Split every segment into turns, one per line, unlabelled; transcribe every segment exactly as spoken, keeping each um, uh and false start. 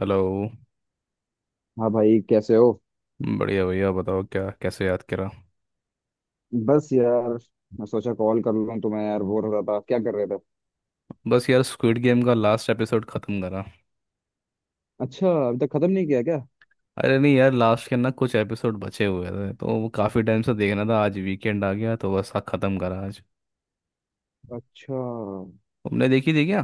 Hello.
हाँ भाई, कैसे हो।
बढ़िया भैया। बताओ, क्या कैसे याद करा।
बस यार, मैं सोचा कॉल कर लूँ तुम्हें। यार बोर हो रहा था, क्या कर रहे थे।
बस यार, स्क्विड गेम का लास्ट एपिसोड खत्म करा।
अच्छा, अभी तक खत्म नहीं किया क्या।
अरे नहीं यार, लास्ट के ना कुछ एपिसोड बचे हुए थे, तो वो काफ़ी टाइम से देखना था। आज वीकेंड आ गया तो बस हाँ, खत्म करा आज।
अच्छा।
तुमने देखी थी क्या।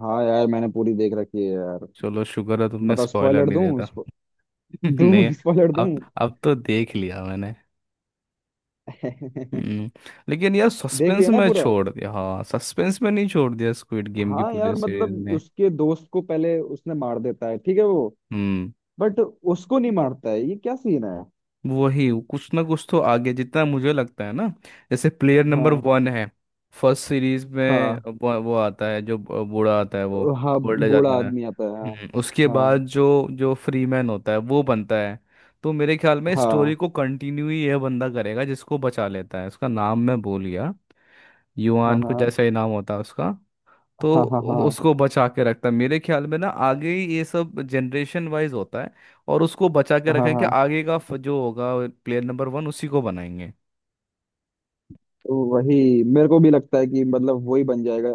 हाँ यार, मैंने पूरी देख रखी है यार।
चलो शुक्र है तुमने
बताओ
स्पॉइलर
स्पॉइलर
नहीं
दूँ,
देता।
स्पो...
नहीं।
दूँ स्पॉइलर दूँ।
अब अब तो देख लिया मैंने।
देख
हम्म। लेकिन यार सस्पेंस
लिया ना
में
पूरा।
छोड़ दिया, हाँ सस्पेंस में नहीं छोड़ दिया स्क्विड गेम की
हाँ
पूरी
यार, मतलब
सीरीज ने।
उसके दोस्त को पहले उसने मार देता है, ठीक है वो।
हम्म।
बट उसको नहीं मारता है, ये क्या सीन है।
वही कुछ ना कुछ तो आगे जितना मुझे लगता है ना। जैसे प्लेयर नंबर
हाँ,
वन है। फर्स्ट सीरीज में
हाँ,
वो, वो आता है, जो ब- बूढ़ा आता है वो।
हाँ।
ओल्ड एज
बूढ़ा
आदमी ना।
आदमी आता है।
हम्म, उसके
हाँ,
बाद जो जो फ्री मैन होता है वो बनता है। तो मेरे ख्याल में स्टोरी
हाँ,
को कंटिन्यू ही यह बंदा करेगा, जिसको बचा लेता है, उसका नाम मैं भूल गया।
हाँ,
युआन कुछ
हाँ,
ऐसा ही नाम होता है उसका। तो
हाँ, हाँ, हाँ, हाँ,
उसको बचा के रखता है मेरे ख्याल में ना, आगे ये सब जनरेशन वाइज होता है। और उसको बचा के
हाँ,
रखें कि
हाँ।
आगे का फ- जो होगा, प्लेयर नंबर वन उसी को बनाएंगे।
तो वही, मेरे को भी लगता है कि मतलब वही बन जाएगा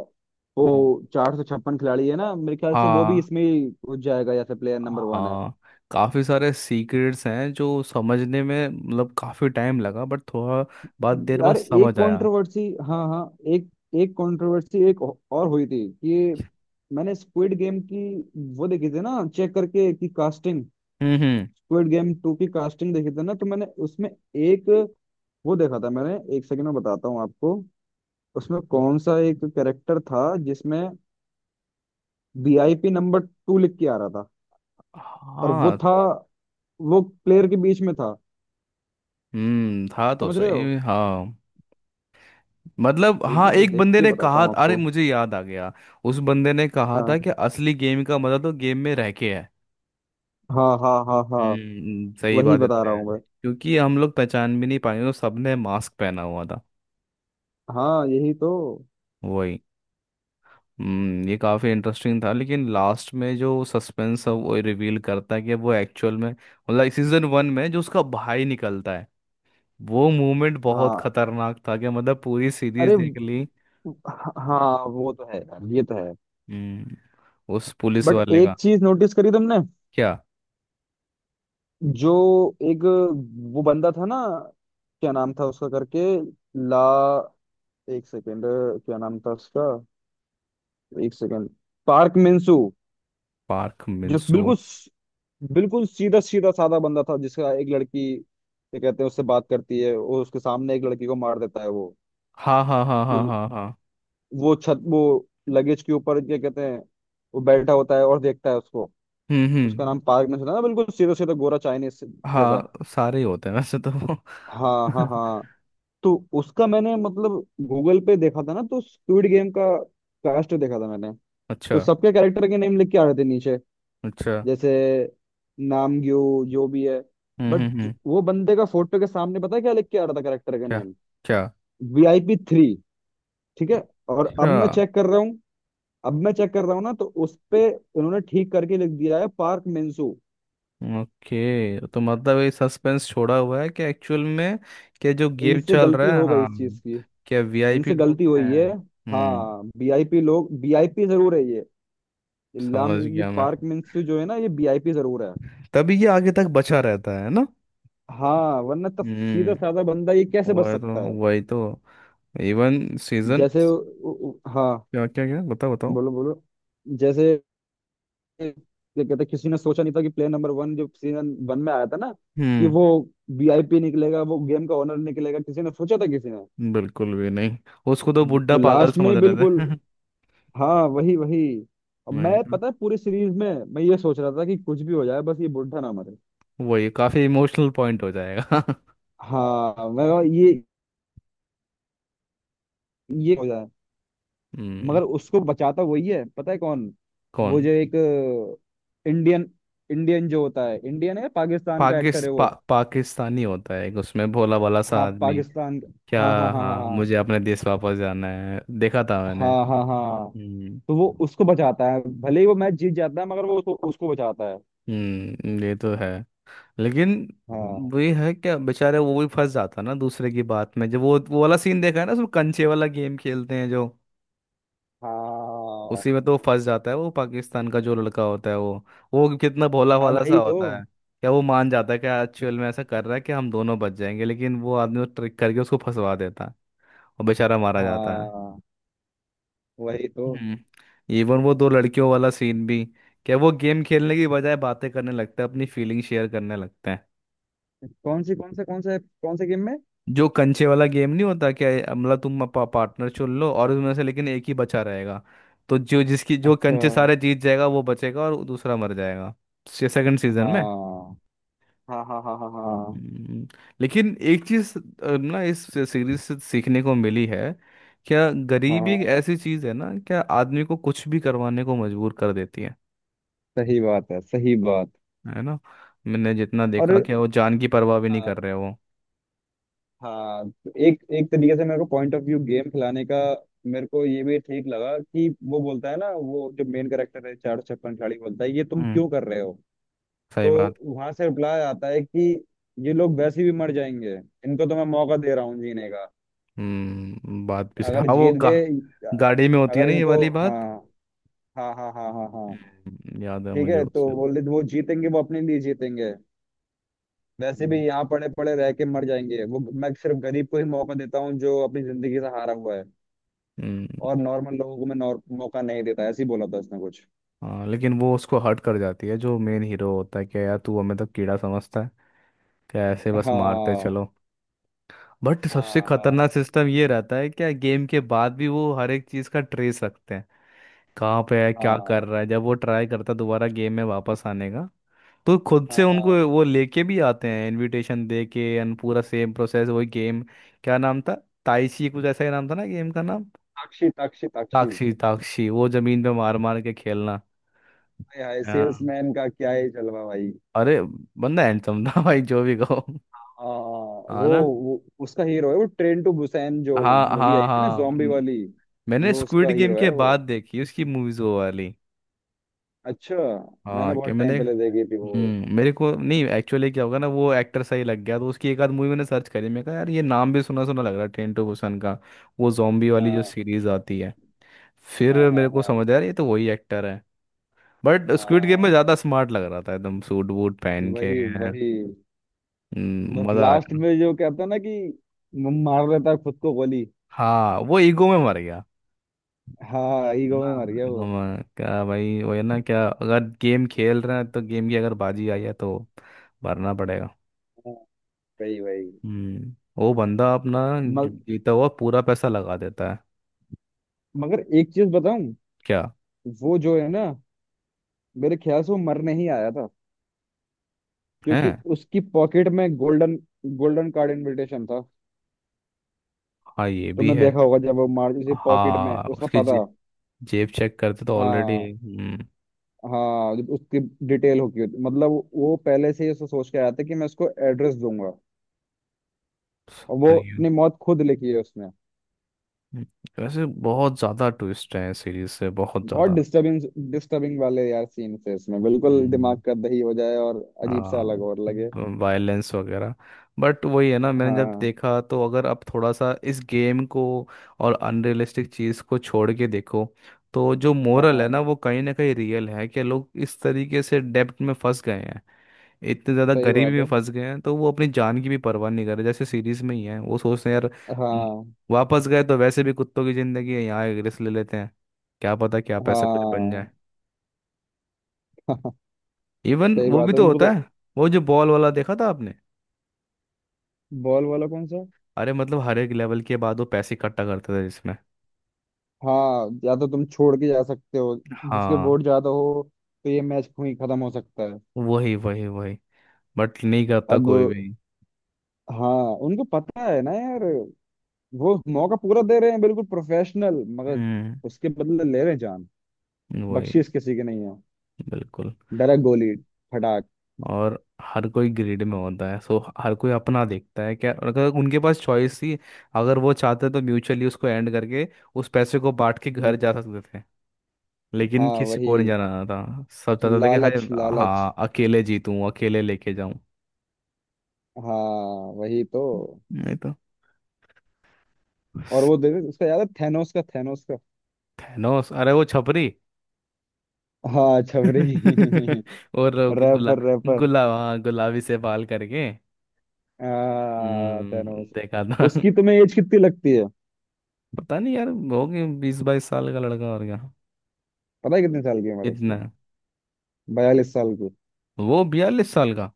वो।
हम्म।
चार सौ छप्पन खिलाड़ी है ना मेरे ख्याल से, वो भी
हाँ
इसमें ही घुस जाएगा जैसे प्लेयर नंबर वन है।
हाँ। काफ़ी सारे सीक्रेट्स हैं जो समझने में मतलब काफ़ी टाइम लगा, बट थोड़ा बाद देर बाद
यार एक
समझ आया।
कंट्रोवर्सी। हाँ, हाँ। एक एक कंट्रोवर्सी एक और हुई थी कि मैंने स्क्विड गेम की वो देखी थी ना, चेक करके कि कास्टिंग,
हम्म हम्म।
स्क्विड गेम टू की कास्टिंग देखी थी ना, तो मैंने उसमें एक वो देखा था। मैंने एक सेकंड में बताता हूँ आपको। उसमें कौन सा एक कैरेक्टर था जिसमें we I P number two लिख के आ रहा था। और वो
हाँ।
था, वो प्लेयर के बीच में था।
हम्म था तो
समझ रहे हो।
सही, हाँ। मतलब
एक
हाँ,
मिनट में
एक
देख
बंदे
के
ने
बताता
कहा,
हूँ
अरे
आपको।
मुझे याद आ गया। उस बंदे ने कहा था
हाँ,
कि असली गेम का मजा तो गेम में रह के है।
हाँ, हाँ, हाँ, हाँ।
हम्म सही
वही
बात
बता
इतना
रहा
है।
हूँ मैं।
क्योंकि हम लोग पहचान भी नहीं पाए, तो सबने मास्क पहना हुआ था।
हाँ यही तो।
वही। हम्म ये काफ़ी इंटरेस्टिंग था, लेकिन लास्ट में जो सस्पेंस है वो रिवील करता है कि वो एक्चुअल में मतलब सीजन वन में जो उसका भाई निकलता है, वो मोमेंट बहुत
हाँ।
खतरनाक था, कि मतलब पूरी सीरीज
अरे,
देख ली।
हाँ वो तो है यार, ये तो है।
हम्म। उस पुलिस
बट
वाले का।
एक चीज नोटिस करी तुमने।
क्या।
जो एक वो बंदा था ना, क्या नाम था उसका करके, ला, एक सेकेंड, क्या नाम था उसका। एक सेकेंड। Park Minsu.
पार्क
जो
मिनसू।
बिल्कुल बिल्कुल सीधा सीधा साधा बंदा था, जिसका एक लड़की क्या कहते हैं उससे बात करती है, और उसके सामने एक लड़की को मार देता है वो।
हाँ हाँ हाँ हाँ
जो-
हाँ हाँ।
वो छत वो लगेज के ऊपर क्या कहते हैं, वो बैठा होता है और देखता है उसको।
हम्म
उसका
हम्म।
नाम पार्क ने सुना ना, बिल्कुल सीधा सीधा गोरा चाइनीज जैसा।
हाँ सारे ही होते हैं वैसे तो वो।
हाँ, हाँ, हाँ। तो उसका मैंने मतलब गूगल पे देखा था ना, तो स्क्विड गेम का कास्ट देखा था मैंने।
अच्छा।
तो सबके कैरेक्टर के नेम लिख के आ रहे थे नीचे,
अच्छा।
जैसे नामग्यो जो भी है।
हम्म
बट
हम्म हम्म।
वो बंदे का फोटो के सामने पता है क्या लिख के आ रहा था करेक्टर का
क्या
नेम।
क्या।
We I P three. ठीक है। और
अच्छा।
अब मैं चेक कर रहा हूँ। अब मैं चेक कर रहा हूँ ना तो उस पे उन्होंने ठीक करके लिख दिया है पार्क मेंसू।
ओके, तो मतलब ये सस्पेंस छोड़ा हुआ है कि एक्चुअल में क्या जो गेम
इनसे
चल
गलती
रहा है,
हो गई
हाँ,
इस चीज की।
क्या वीआईपी
इनसे
लोग
गलती
हैं,
हुई है।
हम्म।
हाँ, वी आई पी लोग, वी आई पी जरूर है ये। इल्लाम,
समझ
ये
गया मैं।
पार्क मेंसू जो है ना, ये वी आई पी जरूर है।
तभी ये आगे तक बचा रहता है ना।
हाँ, वरना तो सीधा साधा
हम्म।
बंदा ये कैसे बच
वही तो।
सकता है।
वही तो। Even season.
जैसे उ- उ- हाँ।
क्या क्या क्या, बताओ बताओ।
बोलो, बोलो। जैसे ये कहते, किसी ने सोचा नहीं था कि प्लेयर नंबर वन जो सीजन वन में आया था ना, कि
हम्म।
वो वी आई पी निकलेगा, वो गेम का ओनर निकलेगा, किसी ने सोचा था, किसी ने।
बिल्कुल भी नहीं। उसको तो बुड्ढा पागल
लास्ट में
समझ
ही
रहे
बिल्कुल।
थे।
हाँ वही वही। और
नहीं
मैं
तो,
पता है पूरी सीरीज में मैं ये सोच रहा था कि कुछ भी हो जाए, बस ये बुढ़ा ना मरे।
वही काफी इमोशनल पॉइंट हो जाएगा।
हाँ मैं कहा, ये ये हो जाए।
हम्म।
मगर उसको बचाता वही है, पता है कौन।
कौन।
वो जो एक इंडियन, इंडियन जो होता है, इंडियन है, पाकिस्तान का
पाकिस,
एक्टर है
पा,
वो।
पाकिस्तानी होता है एक, उसमें भोला भाला सा
हाँ,
आदमी।
पाकिस्तान।
क्या।
हाँ, हाँ, हाँ,
हाँ
हाँ,
मुझे अपने देश वापस जाना है, देखा था मैंने।
हाँ, हाँ, हाँ, हाँ।
हम्म।
तो वो उसको बचाता है, भले ही वो मैच जीत जाता है, मगर वो उसको, उसको बचाता है।
हम्म ये तो है, लेकिन
हाँ।
वही है क्या, बेचारे वो भी फंस जाता ना दूसरे की बात में। जब वो वो वाला सीन देखा है ना, उसमें कंचे वाला गेम खेलते हैं जो,
हाँ,
उसी में तो वो फंस जाता है, वो पाकिस्तान का जो लड़का होता है वो। वो कितना भोला
हाँ।
भाला सा
वही तो।
होता है। क्या वो मान जाता है कि एक्चुअल में ऐसा कर रहा है कि हम दोनों बच जाएंगे, लेकिन वो आदमी ट्रिक करके उसको फंसवा देता है। और बेचारा मारा जाता।
हाँ, वही तो।
हम्म। इवन वो दो लड़कियों वाला सीन भी, क्या वो गेम खेलने की बजाय बातें करने लगते हैं, अपनी फीलिंग शेयर करने लगते हैं।
कौन सी, कौन से, कौन से, कौन से गेम में।
जो कंचे वाला गेम नहीं होता क्या ये, मतलब तुम अपना पार्टनर चुन लो, और उसमें से लेकिन एक ही बचा रहेगा। तो जो जिसकी जो
अच्छा।
कंचे सारे जीत जाएगा वो बचेगा और दूसरा मर जाएगा। सेकंड
हाँ,
सीजन में।
हाँ, हाँ, हाँ, हाँ, हाँ,
हम्म। लेकिन एक चीज ना इस सीरीज से सीखने को मिली है, क्या गरीबी
हाँ।
एक ऐसी चीज है ना, क्या आदमी को कुछ भी करवाने को मजबूर कर देती है।
सही बात है, सही बात।
है ना। मैंने जितना
और
देखा कि वो जान की परवाह भी नहीं कर रहे, वो।
हाँ, तो एक एक तरीके से मेरे को पॉइंट ऑफ व्यू गेम खिलाने का, मेरे को ये भी ठीक लगा कि वो बोलता है ना, वो जो मेन कैरेक्टर है, चार छप्पन खिलाड़ी बोलता है ये तुम
हम्म,
क्यों कर रहे हो।
सही
तो
बात।
वहां से रिप्लाई आता है कि ये लोग वैसे भी मर जाएंगे, इनको तो मैं मौका दे रहा हूँ जीने का।
हम्म। बात भी सही,
अगर
हाँ, वो
जीत
गा,
गए,
गाड़ी में होती है
अगर
ना ये
इनको,
वाली बात।
हाँ, हाँ, हाँ, हाँ, हाँ, हाँ।
हम्म, याद है
ठीक
मुझे
है तो
उसमें।
बोले, वो जीतेंगे वो अपने लिए जीतेंगे। वैसे भी
हम्म
यहाँ पड़े पड़े रह के मर जाएंगे वो। मैं सिर्फ गरीब को ही मौका देता हूँ जो अपनी जिंदगी से हारा हुआ है।
हम्म।
और नॉर्मल लोगों को मैं नॉर- मौका नहीं देता, ऐसे ही बोला था उसने कुछ।
हाँ लेकिन वो उसको हर्ट कर जाती है, जो मेन हीरो होता है, कि यार तू हमें तो कीड़ा समझता है, क्या ऐसे बस मारते
हाँ,
चलो। बट सबसे
हाँ, हाँ,
खतरनाक सिस्टम ये रहता है क्या, गेम के बाद भी वो हर एक चीज का ट्रेस रखते हैं, कहाँ पे है क्या
हाँ,
कर रहा है। जब वो ट्राई करता है दोबारा गेम में वापस आने का, तो खुद से
हाँ, हाँ।
उनको वो लेके भी आते हैं, इनविटेशन दे के and पूरा सेम प्रोसेस वही गेम। क्या नाम था, ताइशी कुछ ऐसा ही नाम था ना गेम का नाम।
अक्षी, अक्षी, अक्षी।
ताक्षी ताक्षी, वो जमीन पे मार मार के खेलना।
हाय हाय,
हाँ।
सेल्समैन का क्या ही जलवा भाई।
अरे बंदा हैंडसम था भाई, जो भी कहो।
हाँ, हाँ,
हाँ
वो,
ना।
वो उसका हीरो है, वो ट्रेन टू बुसान जो
हाँ
मूवी
हाँ
आई थी ना,
हाँ
जॉम्बी
म-
वाली।
मैंने
वो
स्क्विड
उसका
गेम
हीरो है
के
वो।
बाद देखी उसकी मूवीज वो वाली।
अच्छा। मैंने
हाँ, क्या
बहुत
मैंने।
टाइम पहले देखी थी वो।
हम्म मेरे को नहीं एक्चुअली, क्या होगा ना वो एक्टर सही लग गया तो उसकी एक आध मूवी मैंने सर्च करी। मैं कहा यार ये नाम भी सुना सुना लग रहा है, ट्रेन टू बुसान का वो जॉम्बी वाली जो
हाँ,
सीरीज आती है। फिर
हाँ, हाँ,
मेरे को
हाँ,
समझ आया यार ये तो वही एक्टर है। बट स्क्विड गेम में
हाँ।
ज़्यादा स्मार्ट लग रहा था एकदम सूट वूट पहन के
वही
हम्म,
वही। बस
मज़ा आ
लास्ट
गया।
में जो कहता है ना कि, मार लेता है खुद को गोली।
हाँ वो ईगो में मर गया,
हाँ,
है
ईगो में मर
ना।
गया वो।
ईगो में क्या भाई, वो है ना क्या, अगर गेम खेल रहे हैं तो गेम की अगर बाजी आई है तो भरना पड़ेगा।
हाँ, वही वही।
हम्म वो बंदा अपना ज-
मग,
जीता हुआ पूरा पैसा लगा देता है।
मगर एक चीज बताऊं।
क्या।
वो जो है ना, मेरे ख्याल से वो मर नहीं आया था।
है।
क्योंकि उसकी पॉकेट में गोल्डन, गोल्डन कार्ड इनविटेशन था।
हाँ ये भी
तुमने
है।
देखा होगा जब वो मार, उसी पॉकेट में
हाँ
उसका
उसकी
पता।
जे, जेब चेक करते तो ऑलरेडी।
हाँ,
हम्म।
हाँ। जब उसकी डिटेल होगी, मतलब वो पहले से ही उसको सोच के आया था कि मैं उसको एड्रेस दूंगा। और वो
समझ गया।
अपनी मौत खुद लिखी है उसने।
हम्म। वैसे बहुत ज्यादा ट्विस्ट है सीरीज से, बहुत
बहुत
ज्यादा
डिस्टर्बिंग, डिस्टर्बिंग वाले यार सीन थे इसमें, बिल्कुल दिमाग का दही हो जाए और अजीब सा अलग और लगे।
वायलेंस वगैरह। बट वही है ना, मैंने जब
हाँ,
देखा तो अगर आप थोड़ा सा इस गेम को और अनरियलिस्टिक चीज़ को छोड़ के देखो, तो जो मोरल है
हाँ।
ना वो कहीं ना कहीं रियल है कि लोग इस तरीके से डेब्ट में फंस गए हैं, इतने ज़्यादा
सही
गरीबी
बात
में
है।
फंस गए हैं, तो वो अपनी जान की भी परवाह नहीं कर रहे, जैसे सीरीज में ही है। वो सोचते हैं यार म,
हाँ,
वापस गए तो वैसे भी कुत्तों की ज़िंदगी है, यहाँ एक रिस्क ले लेते हैं, क्या पता क्या पैसा कुछ बन जाए।
हाँ।
इवन
सही
वो भी
बात है
तो
उनको
होता
तो।
है, वो जो बॉल वाला देखा था आपने।
बॉल वाला कौन सा है?
अरे मतलब हर एक लेवल के बाद वो पैसे इकट्ठा करते थे, जिसमें।
हाँ, या तो तुम छोड़ के जा सकते हो जिसके
हाँ।
बोर्ड ज्यादा हो, तो ये मैच वहीं खत्म हो सकता है।
वही वही वही। बट नहीं करता
अब
कोई भी।
हाँ, उनको पता है ना यार। वो मौका पूरा दे रहे हैं, बिल्कुल प्रोफेशनल, मगर
हम्म।
उसके बदले ले रहे हैं जान।
वही।
बख्शीश किसी की नहीं है।
बिल्कुल।
डायरेक्ट गोली, फटाक।
और हर कोई ग्रीड में होता है, सो हर कोई अपना देखता है, क्या और अगर उनके पास चॉइस थी, अगर वो चाहते तो म्यूचुअली उसको एंड करके उस पैसे को बांट के घर
हम्म।
जा सकते थे। लेकिन
हाँ
किसी
वही,
को नहीं जाना था। सब चाहता था कि हाय,
लालच, लालच।
हाँ अकेले जीतूं अकेले लेके जाऊं।
हाँ वही तो।
नहीं तो।
और वो देखे उसका, याद है थैनोस का, थैनोस का।
थैनोस, अरे वो छपरी।
हाँ छबरी।
और वो कि गुला
रैपर, रैपर।
गुला हाँ गुलाबी से बाल करके।
हाँ
हम्म
थैनोस।
देखा था।
उसकी तुम्हें एज कितनी लगती है।
पता नहीं यार, हो गए बीस बाईस साल का लड़का और क्या।
पता है कितने साल की उम्र है उसकी।
कितना।
बयालीस साल की।
वो बयालीस साल का।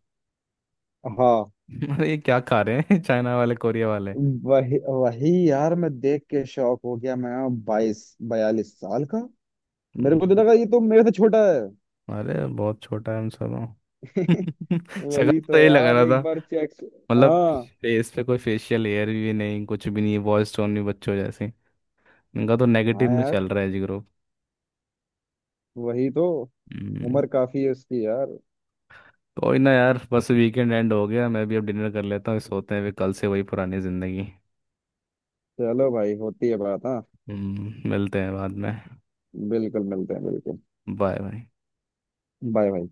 हाँ।
अरे ये क्या खा रहे हैं। चाइना वाले कोरिया वाले।
वही वही यार, मैं देख के शौक हो गया मैं। बाईस, बयालीस साल का। मेरे को तो
हम्म।
लगा ये तो मेरे से छोटा है।
अरे बहुत छोटा है हम सब। सगा
वही
तो
तो
यही लग
यार,
रहा था।
एक बार चेक।
मतलब
हाँ,
फेस पे कोई फेशियल हेयर भी नहीं, कुछ भी नहीं, वॉइस टोन भी बच्चों जैसे। इनका तो नेगेटिव
हाँ
में
यार,
चल रहा है जी ग्रुप।
वही तो।
हम्म।
उम्र काफी है उसकी यार।
कोई ना यार, बस वीकेंड एंड हो गया, मैं भी अब डिनर कर लेता हूँ, सोते हैं भी, कल से वही पुरानी जिंदगी।
चलो भाई, होती है बात, हाँ।
हम्म मिलते हैं बाद में।
बिल्कुल मिलते हैं, बिल्कुल।
Bye bye.
बाय भाई।